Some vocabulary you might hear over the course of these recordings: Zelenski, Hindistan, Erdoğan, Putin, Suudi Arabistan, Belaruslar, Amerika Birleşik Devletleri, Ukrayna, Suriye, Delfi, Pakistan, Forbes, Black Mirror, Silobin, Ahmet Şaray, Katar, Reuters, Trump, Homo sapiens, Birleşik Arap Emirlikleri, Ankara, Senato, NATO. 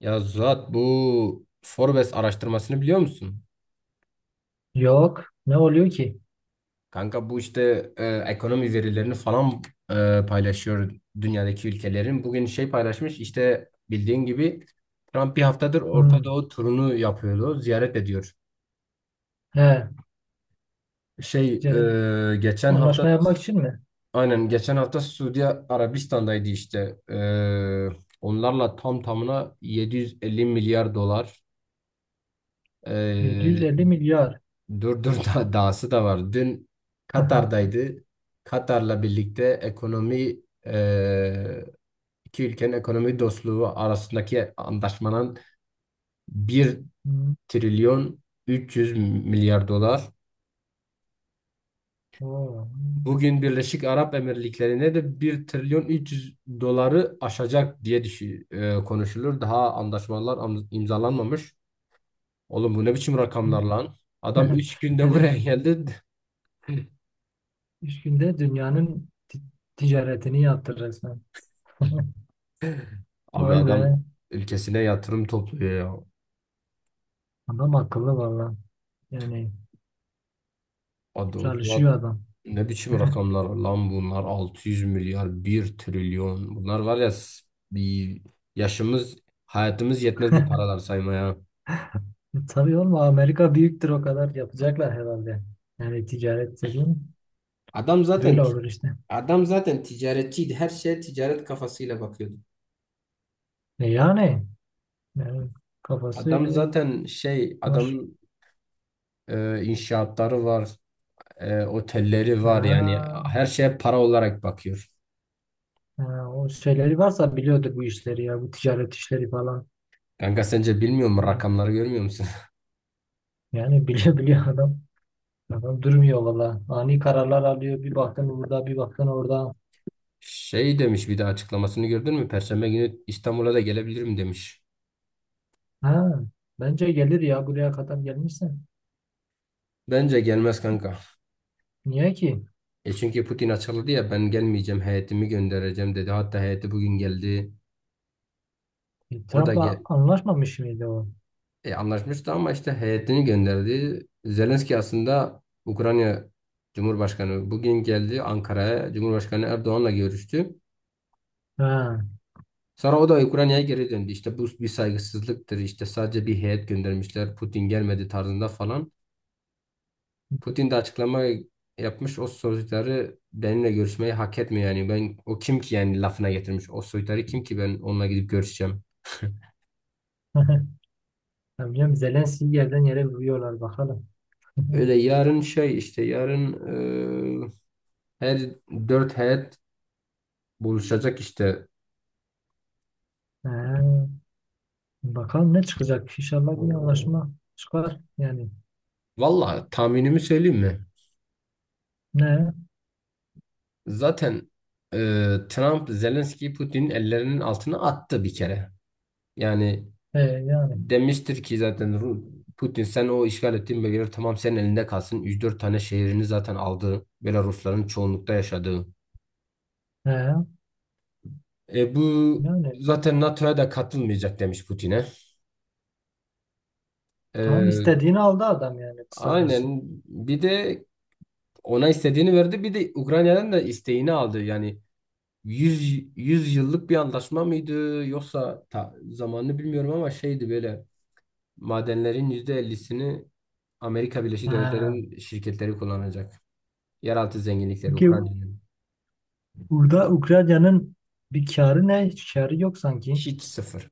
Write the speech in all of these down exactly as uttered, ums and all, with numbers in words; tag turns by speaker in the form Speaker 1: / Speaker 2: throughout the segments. Speaker 1: Ya Zuhat, bu Forbes araştırmasını biliyor musun?
Speaker 2: Yok. Ne oluyor ki?
Speaker 1: Kanka bu işte e, ekonomi verilerini falan e, paylaşıyor dünyadaki ülkelerin. Bugün şey paylaşmış işte, bildiğin gibi Trump bir haftadır
Speaker 2: Hmm.
Speaker 1: Orta Doğu turunu yapıyordu, ziyaret ediyor.
Speaker 2: He.
Speaker 1: Şey,
Speaker 2: Ticaret
Speaker 1: e, geçen
Speaker 2: anlaşma
Speaker 1: hafta
Speaker 2: yapmak için mi?
Speaker 1: aynen geçen hafta Suudi Arabistan'daydı işte. E, onlarla tam tamına yedi yüz elli milyar dolar, e,
Speaker 2: yedi yüz elli milyar.
Speaker 1: durdur da dağısı da var. Dün Katar'daydı. Katar'la birlikte ekonomi, e, iki ülkenin ekonomi dostluğu arasındaki anlaşmanın bir
Speaker 2: Hmm.
Speaker 1: trilyon üç yüz milyar dolar.
Speaker 2: Oo.
Speaker 1: Bugün Birleşik Arap Emirlikleri'ne de bir trilyon üç yüz doları aşacak diye düşü, e, konuşulur. Daha anlaşmalar am- imzalanmamış. Oğlum bu ne biçim rakamlar lan? Adam üç günde
Speaker 2: Yani
Speaker 1: buraya geldi.
Speaker 2: üç günde dünyanın ti- ticaretini yaptı resmen.
Speaker 1: Abi
Speaker 2: Vay be.
Speaker 1: adam ülkesine yatırım topluyor ya.
Speaker 2: Adam akıllı valla. Yani
Speaker 1: Hadi o zaman,
Speaker 2: çalışıyor adam.
Speaker 1: ne biçim rakamlar lan bunlar, altı yüz milyar, bir trilyon. Bunlar var ya, s- bir yaşımız hayatımız yetmez bu paralar saymaya.
Speaker 2: Tabii oğlum, Amerika büyüktür, o kadar yapacaklar herhalde. Yani ticaret dediğin
Speaker 1: Adam zaten
Speaker 2: böyle
Speaker 1: ti-
Speaker 2: olur işte.
Speaker 1: adam zaten ticaretçiydi, her şeye ticaret kafasıyla bakıyordu.
Speaker 2: E yani, yani kafası
Speaker 1: Adam
Speaker 2: öyle
Speaker 1: zaten şey,
Speaker 2: var.
Speaker 1: adamın e, inşaatları var, e, otelleri var yani.
Speaker 2: Ha.
Speaker 1: Her şeye para olarak bakıyor.
Speaker 2: Ha, o şeyleri varsa biliyordur bu işleri ya. Bu ticaret işleri falan.
Speaker 1: Kanka, sence bilmiyor mu? Rakamları görmüyor musun?
Speaker 2: Yani biliyor biliyor adam. Adam durmuyor valla. Ani kararlar alıyor. Bir baktın burada, bir baktın orada.
Speaker 1: Şey demiş, bir de açıklamasını gördün mü? Perşembe günü İstanbul'a da gelebilirim demiş.
Speaker 2: Ha, bence gelir ya, buraya kadar gelmişse.
Speaker 1: Bence gelmez kanka.
Speaker 2: Niye ki?
Speaker 1: E çünkü Putin açıkladı ya, ben gelmeyeceğim, heyetimi göndereceğim dedi. Hatta heyeti bugün geldi.
Speaker 2: E,
Speaker 1: O da
Speaker 2: Trump'la
Speaker 1: gel
Speaker 2: anlaşmamış mıydı o?
Speaker 1: e, anlaşmıştı ama işte heyetini gönderdi. Zelenski, aslında Ukrayna Cumhurbaşkanı, bugün geldi Ankara'ya. Cumhurbaşkanı Erdoğan'la görüştü.
Speaker 2: Ha.
Speaker 1: Sonra o da Ukrayna'ya geri döndü. İşte bu bir saygısızlıktır. İşte sadece bir heyet göndermişler, Putin gelmedi tarzında falan. Putin de açıklama yapmış. O soytarı benimle görüşmeyi hak etmiyor yani. Ben o kim ki yani lafına getirmiş. O soytarı kim ki ben onunla gidip görüşeceğim.
Speaker 2: Ya, biliyorum, Zelenski'yi yerden yere vuruyorlar, bakalım.
Speaker 1: Öyle, yarın şey işte, yarın eee, her dört heyet buluşacak işte.
Speaker 2: Ha, bakalım ne çıkacak? İnşallah bir anlaşma çıkar. Yani
Speaker 1: Valla tahminimi söyleyeyim mi?
Speaker 2: ne?
Speaker 1: Zaten eee, Trump Zelenski'yi Putin'in ellerinin altına attı bir kere. Yani
Speaker 2: E, yani.
Speaker 1: demiştir ki zaten, Ru- Putin, sen o işgal ettiğin bölgeler tamam senin elinde kalsın. Üç dört tane şehrini zaten aldı, Belarusların çoğunlukta yaşadığı.
Speaker 2: He,
Speaker 1: E, bu
Speaker 2: yani
Speaker 1: zaten NATO'ya da katılmayacak demiş Putin'e.
Speaker 2: tam
Speaker 1: E,
Speaker 2: istediğini aldı adam yani kısacası.
Speaker 1: aynen, bir de ona istediğini verdi, bir de Ukrayna'dan da isteğini aldı. Yani yüz yüz yıllık bir anlaşma mıydı yoksa, ta, zamanını bilmiyorum ama şeydi böyle, madenlerin yüzde ellisini Amerika Birleşik
Speaker 2: He.
Speaker 1: Devletleri'nin şirketleri kullanacak. Yeraltı zenginlikleri
Speaker 2: Peki,
Speaker 1: Ukrayna'nın
Speaker 2: burada Ukrayna'nın bir karı ne? Hiç karı yok sanki.
Speaker 1: hiç, sıfır.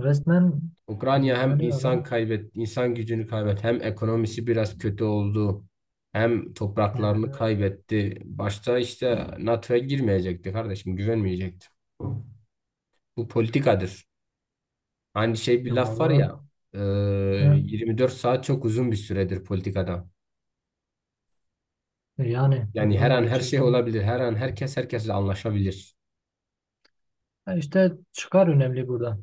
Speaker 2: Resmen.
Speaker 1: Ukrayna
Speaker 2: Hmm,
Speaker 1: hem
Speaker 2: yani
Speaker 1: insan
Speaker 2: adam.
Speaker 1: kaybet, insan gücünü kaybetti, hem ekonomisi biraz kötü oldu, hem
Speaker 2: He.
Speaker 1: topraklarını kaybetti. Başta işte NATO'ya girmeyecekti kardeşim, güvenmeyecekti. Bu politikadır. Hani şey bir
Speaker 2: Ya
Speaker 1: laf var
Speaker 2: valla.
Speaker 1: ya, e,
Speaker 2: He.
Speaker 1: yirmi dört saat çok uzun bir süredir politikada.
Speaker 2: E yani
Speaker 1: Yani her
Speaker 2: uzun
Speaker 1: an her şey
Speaker 2: gerçekten.
Speaker 1: olabilir, her an herkes herkesle anlaşabilir.
Speaker 2: E işte çıkar önemli burada.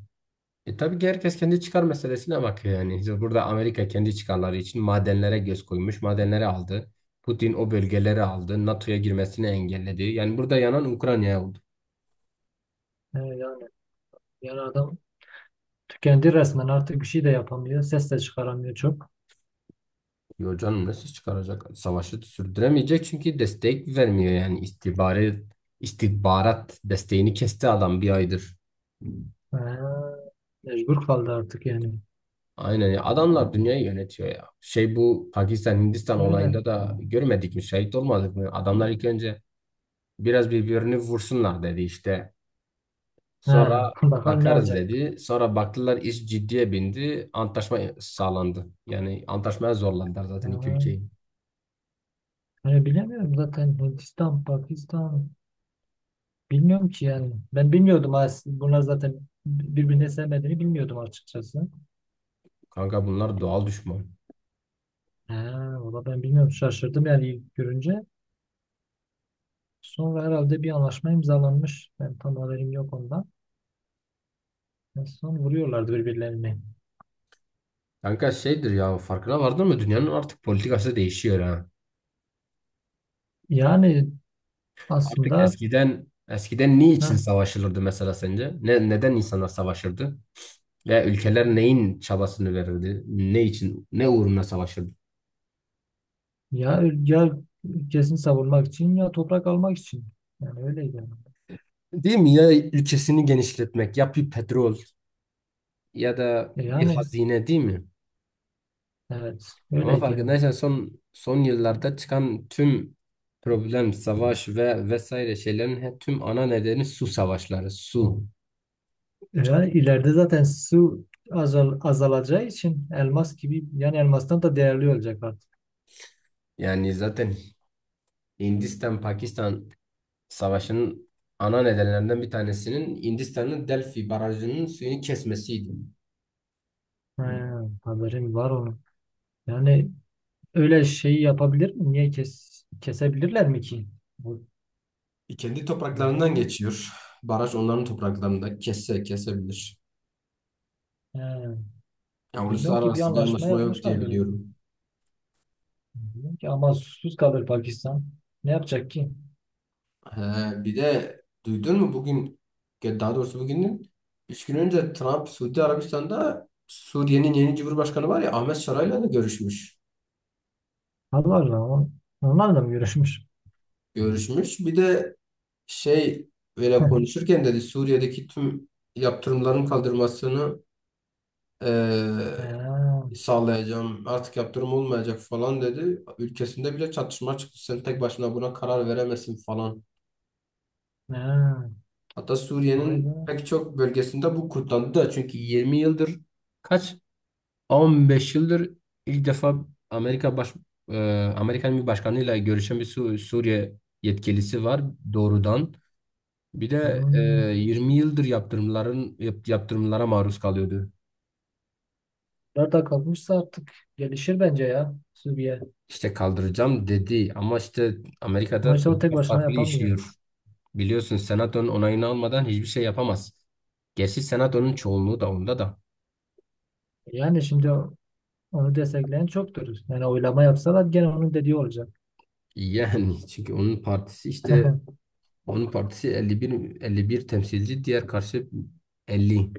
Speaker 1: E tabii ki herkes kendi çıkar meselesine bakıyor yani. İşte burada Amerika kendi çıkarları için madenlere göz koymuş, madenleri aldı. Putin o bölgeleri aldı, NATO'ya girmesini engelledi. Yani burada yanan Ukrayna'ya oldu.
Speaker 2: E yani yani adam tükendi resmen, artık bir şey de yapamıyor. Ses de çıkaramıyor çok.
Speaker 1: Yo canım, nasıl çıkaracak? Savaşı sürdüremeyecek çünkü destek vermiyor yani, istihbarat, istihbarat desteğini kesti adam bir aydır.
Speaker 2: E, mecbur kaldı artık yani.
Speaker 1: Aynen ya. Adamlar dünyayı yönetiyor ya. Şey, bu Pakistan Hindistan
Speaker 2: Öyle.
Speaker 1: olayında da görmedik mi? Şahit olmadık mı? Adamlar ilk önce biraz birbirini vursunlar dedi işte.
Speaker 2: He.
Speaker 1: Sonra
Speaker 2: Bakalım ne
Speaker 1: bakarız
Speaker 2: olacak.
Speaker 1: dedi. Sonra baktılar, iş ciddiye bindi. Antlaşma sağlandı. Yani antlaşmaya zorlandılar
Speaker 2: He.
Speaker 1: zaten iki ülkeyi.
Speaker 2: Hani bilemiyorum zaten Hindistan, Pakistan bilmiyorum ki yani. Ben bilmiyordum as- bunlar zaten birbirine sevmediğini bilmiyordum açıkçası.
Speaker 1: Kanka, bunlar doğal düşman.
Speaker 2: He, valla ben bilmiyorum, şaşırdım yani ilk görünce. Sonra herhalde bir anlaşma imzalanmış. Ben tam haberim yok ondan. En son vuruyorlardı birbirlerini.
Speaker 1: Kanka şeydir ya, farkına vardın mı? Dünyanın artık politikası değişiyor ha.
Speaker 2: Yani
Speaker 1: Artık
Speaker 2: aslında
Speaker 1: eskiden, eskiden niçin
Speaker 2: heh,
Speaker 1: savaşılırdı mesela sence? Ne, neden insanlar savaşırdı? Ve ülkeler neyin çabasını verirdi? Ne için, ne uğruna savaşırdı?
Speaker 2: ya, ya ülkesini savunmak için, ya toprak almak için. Yani öyleydi. Yani,
Speaker 1: Değil mi? Ya ülkesini genişletmek, ya bir petrol ya da
Speaker 2: E
Speaker 1: bir
Speaker 2: yani
Speaker 1: hazine, değil mi?
Speaker 2: evet
Speaker 1: Ama
Speaker 2: öyleydi yani.
Speaker 1: farkındaysan son son yıllarda çıkan tüm problem, savaş ve vesaire şeylerin he- tüm ana nedeni su savaşları, su.
Speaker 2: Yani ileride zaten su azal, azalacağı için elmas gibi, yani elmastan da değerli olacak artık.
Speaker 1: Yani zaten Hindistan-Pakistan savaşının ana nedenlerinden bir tanesinin Hindistan'ın Delfi barajının suyunu kesmesiydi.
Speaker 2: He, haberim var onun. Yani öyle şey yapabilir mi? Niye kes, kesebilirler mi ki? Bu,
Speaker 1: E, Kendi topraklarından
Speaker 2: bilmiyorum.
Speaker 1: geçiyor. Baraj onların topraklarında, kesse kesebilir.
Speaker 2: He,
Speaker 1: Ya
Speaker 2: bilmiyorum ki, bir
Speaker 1: uluslararası bir
Speaker 2: anlaşma
Speaker 1: anlaşma yok diye
Speaker 2: yapmışlar böyle.
Speaker 1: biliyorum.
Speaker 2: Bilmiyorum ki ama susuz kalır Pakistan. Ne yapacak ki?
Speaker 1: He, bir de duydun mu bugün, ya daha doğrusu bugünün üç gün önce Trump Suudi Arabistan'da Suriye'nin yeni Cumhurbaşkanı var ya, Ahmet Şaray'la da görüşmüş.
Speaker 2: Allah Allah. on- Onlarla mı görüşmüş?
Speaker 1: Görüşmüş. Bir de şey, böyle
Speaker 2: He,
Speaker 1: konuşurken dedi Suriye'deki tüm yaptırımların kaldırmasını eee, sağlayacağım. Artık yaptırım olmayacak falan dedi. Ülkesinde bile çatışma çıktı, sen tek başına buna karar veremezsin falan.
Speaker 2: he,
Speaker 1: Hatta
Speaker 2: vay be.
Speaker 1: Suriye'nin pek çok bölgesinde bu kutlandı da çünkü yirmi yıldır, kaç, on beş yıldır ilk defa Amerika baş e, Amerikan bir başkanıyla görüşen bir Su- Suriye yetkilisi var doğrudan. Bir de e,
Speaker 2: Hmm.
Speaker 1: yirmi yıldır yaptırımların yap- yaptırımlara maruz kalıyordu.
Speaker 2: Nerede kalmışsa artık gelişir bence ya. Suriye.
Speaker 1: İşte kaldıracağım dedi ama işte Amerika'da
Speaker 2: Maçı o tek
Speaker 1: politika
Speaker 2: başına
Speaker 1: farklı
Speaker 2: yapamıyor.
Speaker 1: işliyor. Biliyorsun Senato'nun onayını almadan hiçbir şey yapamaz. Gerçi Senato'nun
Speaker 2: Ee,
Speaker 1: çoğunluğu da onda da.
Speaker 2: Yani şimdi o- onu destekleyen çoktur. Yani oylama yapsalar gene onun dediği olacak.
Speaker 1: Yani çünkü onun partisi işte, onun partisi elli bir, elli bir temsilci, diğer karşı elli.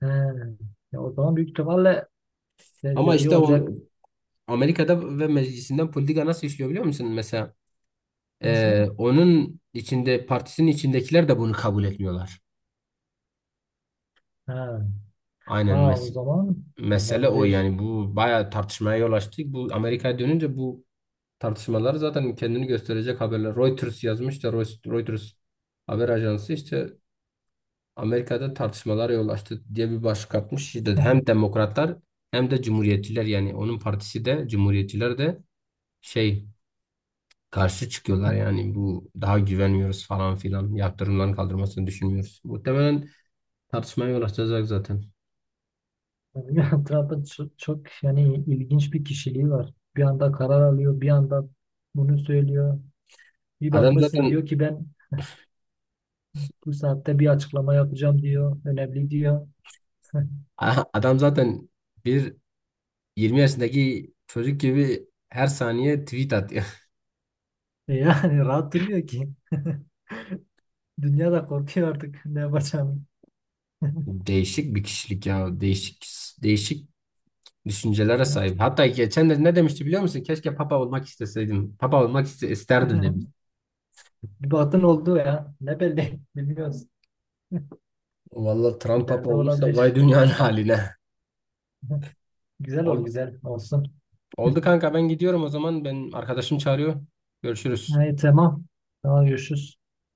Speaker 2: He. Ya o zaman büyük ihtimalle de-
Speaker 1: Ama
Speaker 2: dediği
Speaker 1: işte o,
Speaker 2: olacak.
Speaker 1: Amerika'da ve meclisinden politika nasıl işliyor biliyor musun? Mesela e,
Speaker 2: Nasıl?
Speaker 1: onun içinde, partisinin içindekiler de bunu kabul etmiyorlar.
Speaker 2: Ha,
Speaker 1: Aynen,
Speaker 2: ha o
Speaker 1: mes-
Speaker 2: zaman
Speaker 1: mesele o
Speaker 2: olabilir.
Speaker 1: yani. Bu bayağı tartışmaya yol açtı. Bu Amerika'ya dönünce, bu tartışmalar zaten kendini gösterecek haberler. Reuters yazmış da, Reus- Reuters haber ajansı işte Amerika'da tartışmalara yol açtı diye bir başlık atmış. İşte hem demokratlar hem de cumhuriyetçiler, yani onun partisi de, cumhuriyetçiler de şey, karşı çıkıyorlar yani. Bu daha güvenmiyoruz falan filan, yaptırımların kaldırmasını düşünmüyoruz. Muhtemelen tartışmaya yol açacak zaten.
Speaker 2: Yani Trump'ın çok, çok yani ilginç bir kişiliği var. Bir anda karar alıyor, bir anda bunu söylüyor. Bir
Speaker 1: Adam
Speaker 2: bakmışsın diyor
Speaker 1: zaten
Speaker 2: ki, ben bu saatte bir açıklama yapacağım diyor. Önemli diyor.
Speaker 1: aha, adam zaten bir yirmi yaşındaki çocuk gibi her saniye tweet atıyor.
Speaker 2: Yani rahat durmuyor ki. Dünya da korkuyor artık ne yapacağını.
Speaker 1: Değişik bir kişilik ya. Değişik değişik düşüncelere
Speaker 2: Ya
Speaker 1: sahip.
Speaker 2: çok
Speaker 1: Hatta geçen de ne demişti biliyor musun? Keşke papa olmak isteseydim. Papa olmak iste- isterdim demiş.
Speaker 2: bir batın oldu ya. Ne belli, bilmiyoruz.
Speaker 1: Vallahi Trump papa
Speaker 2: İleride
Speaker 1: olursa vay
Speaker 2: olabilir.
Speaker 1: dünyanın haline.
Speaker 2: Güzel ol
Speaker 1: Ol,
Speaker 2: güzel olsun.
Speaker 1: Oldu kanka, ben gidiyorum o zaman. Ben arkadaşım çağırıyor. Görüşürüz.
Speaker 2: Evet, tamam. Tamam, görüşürüz.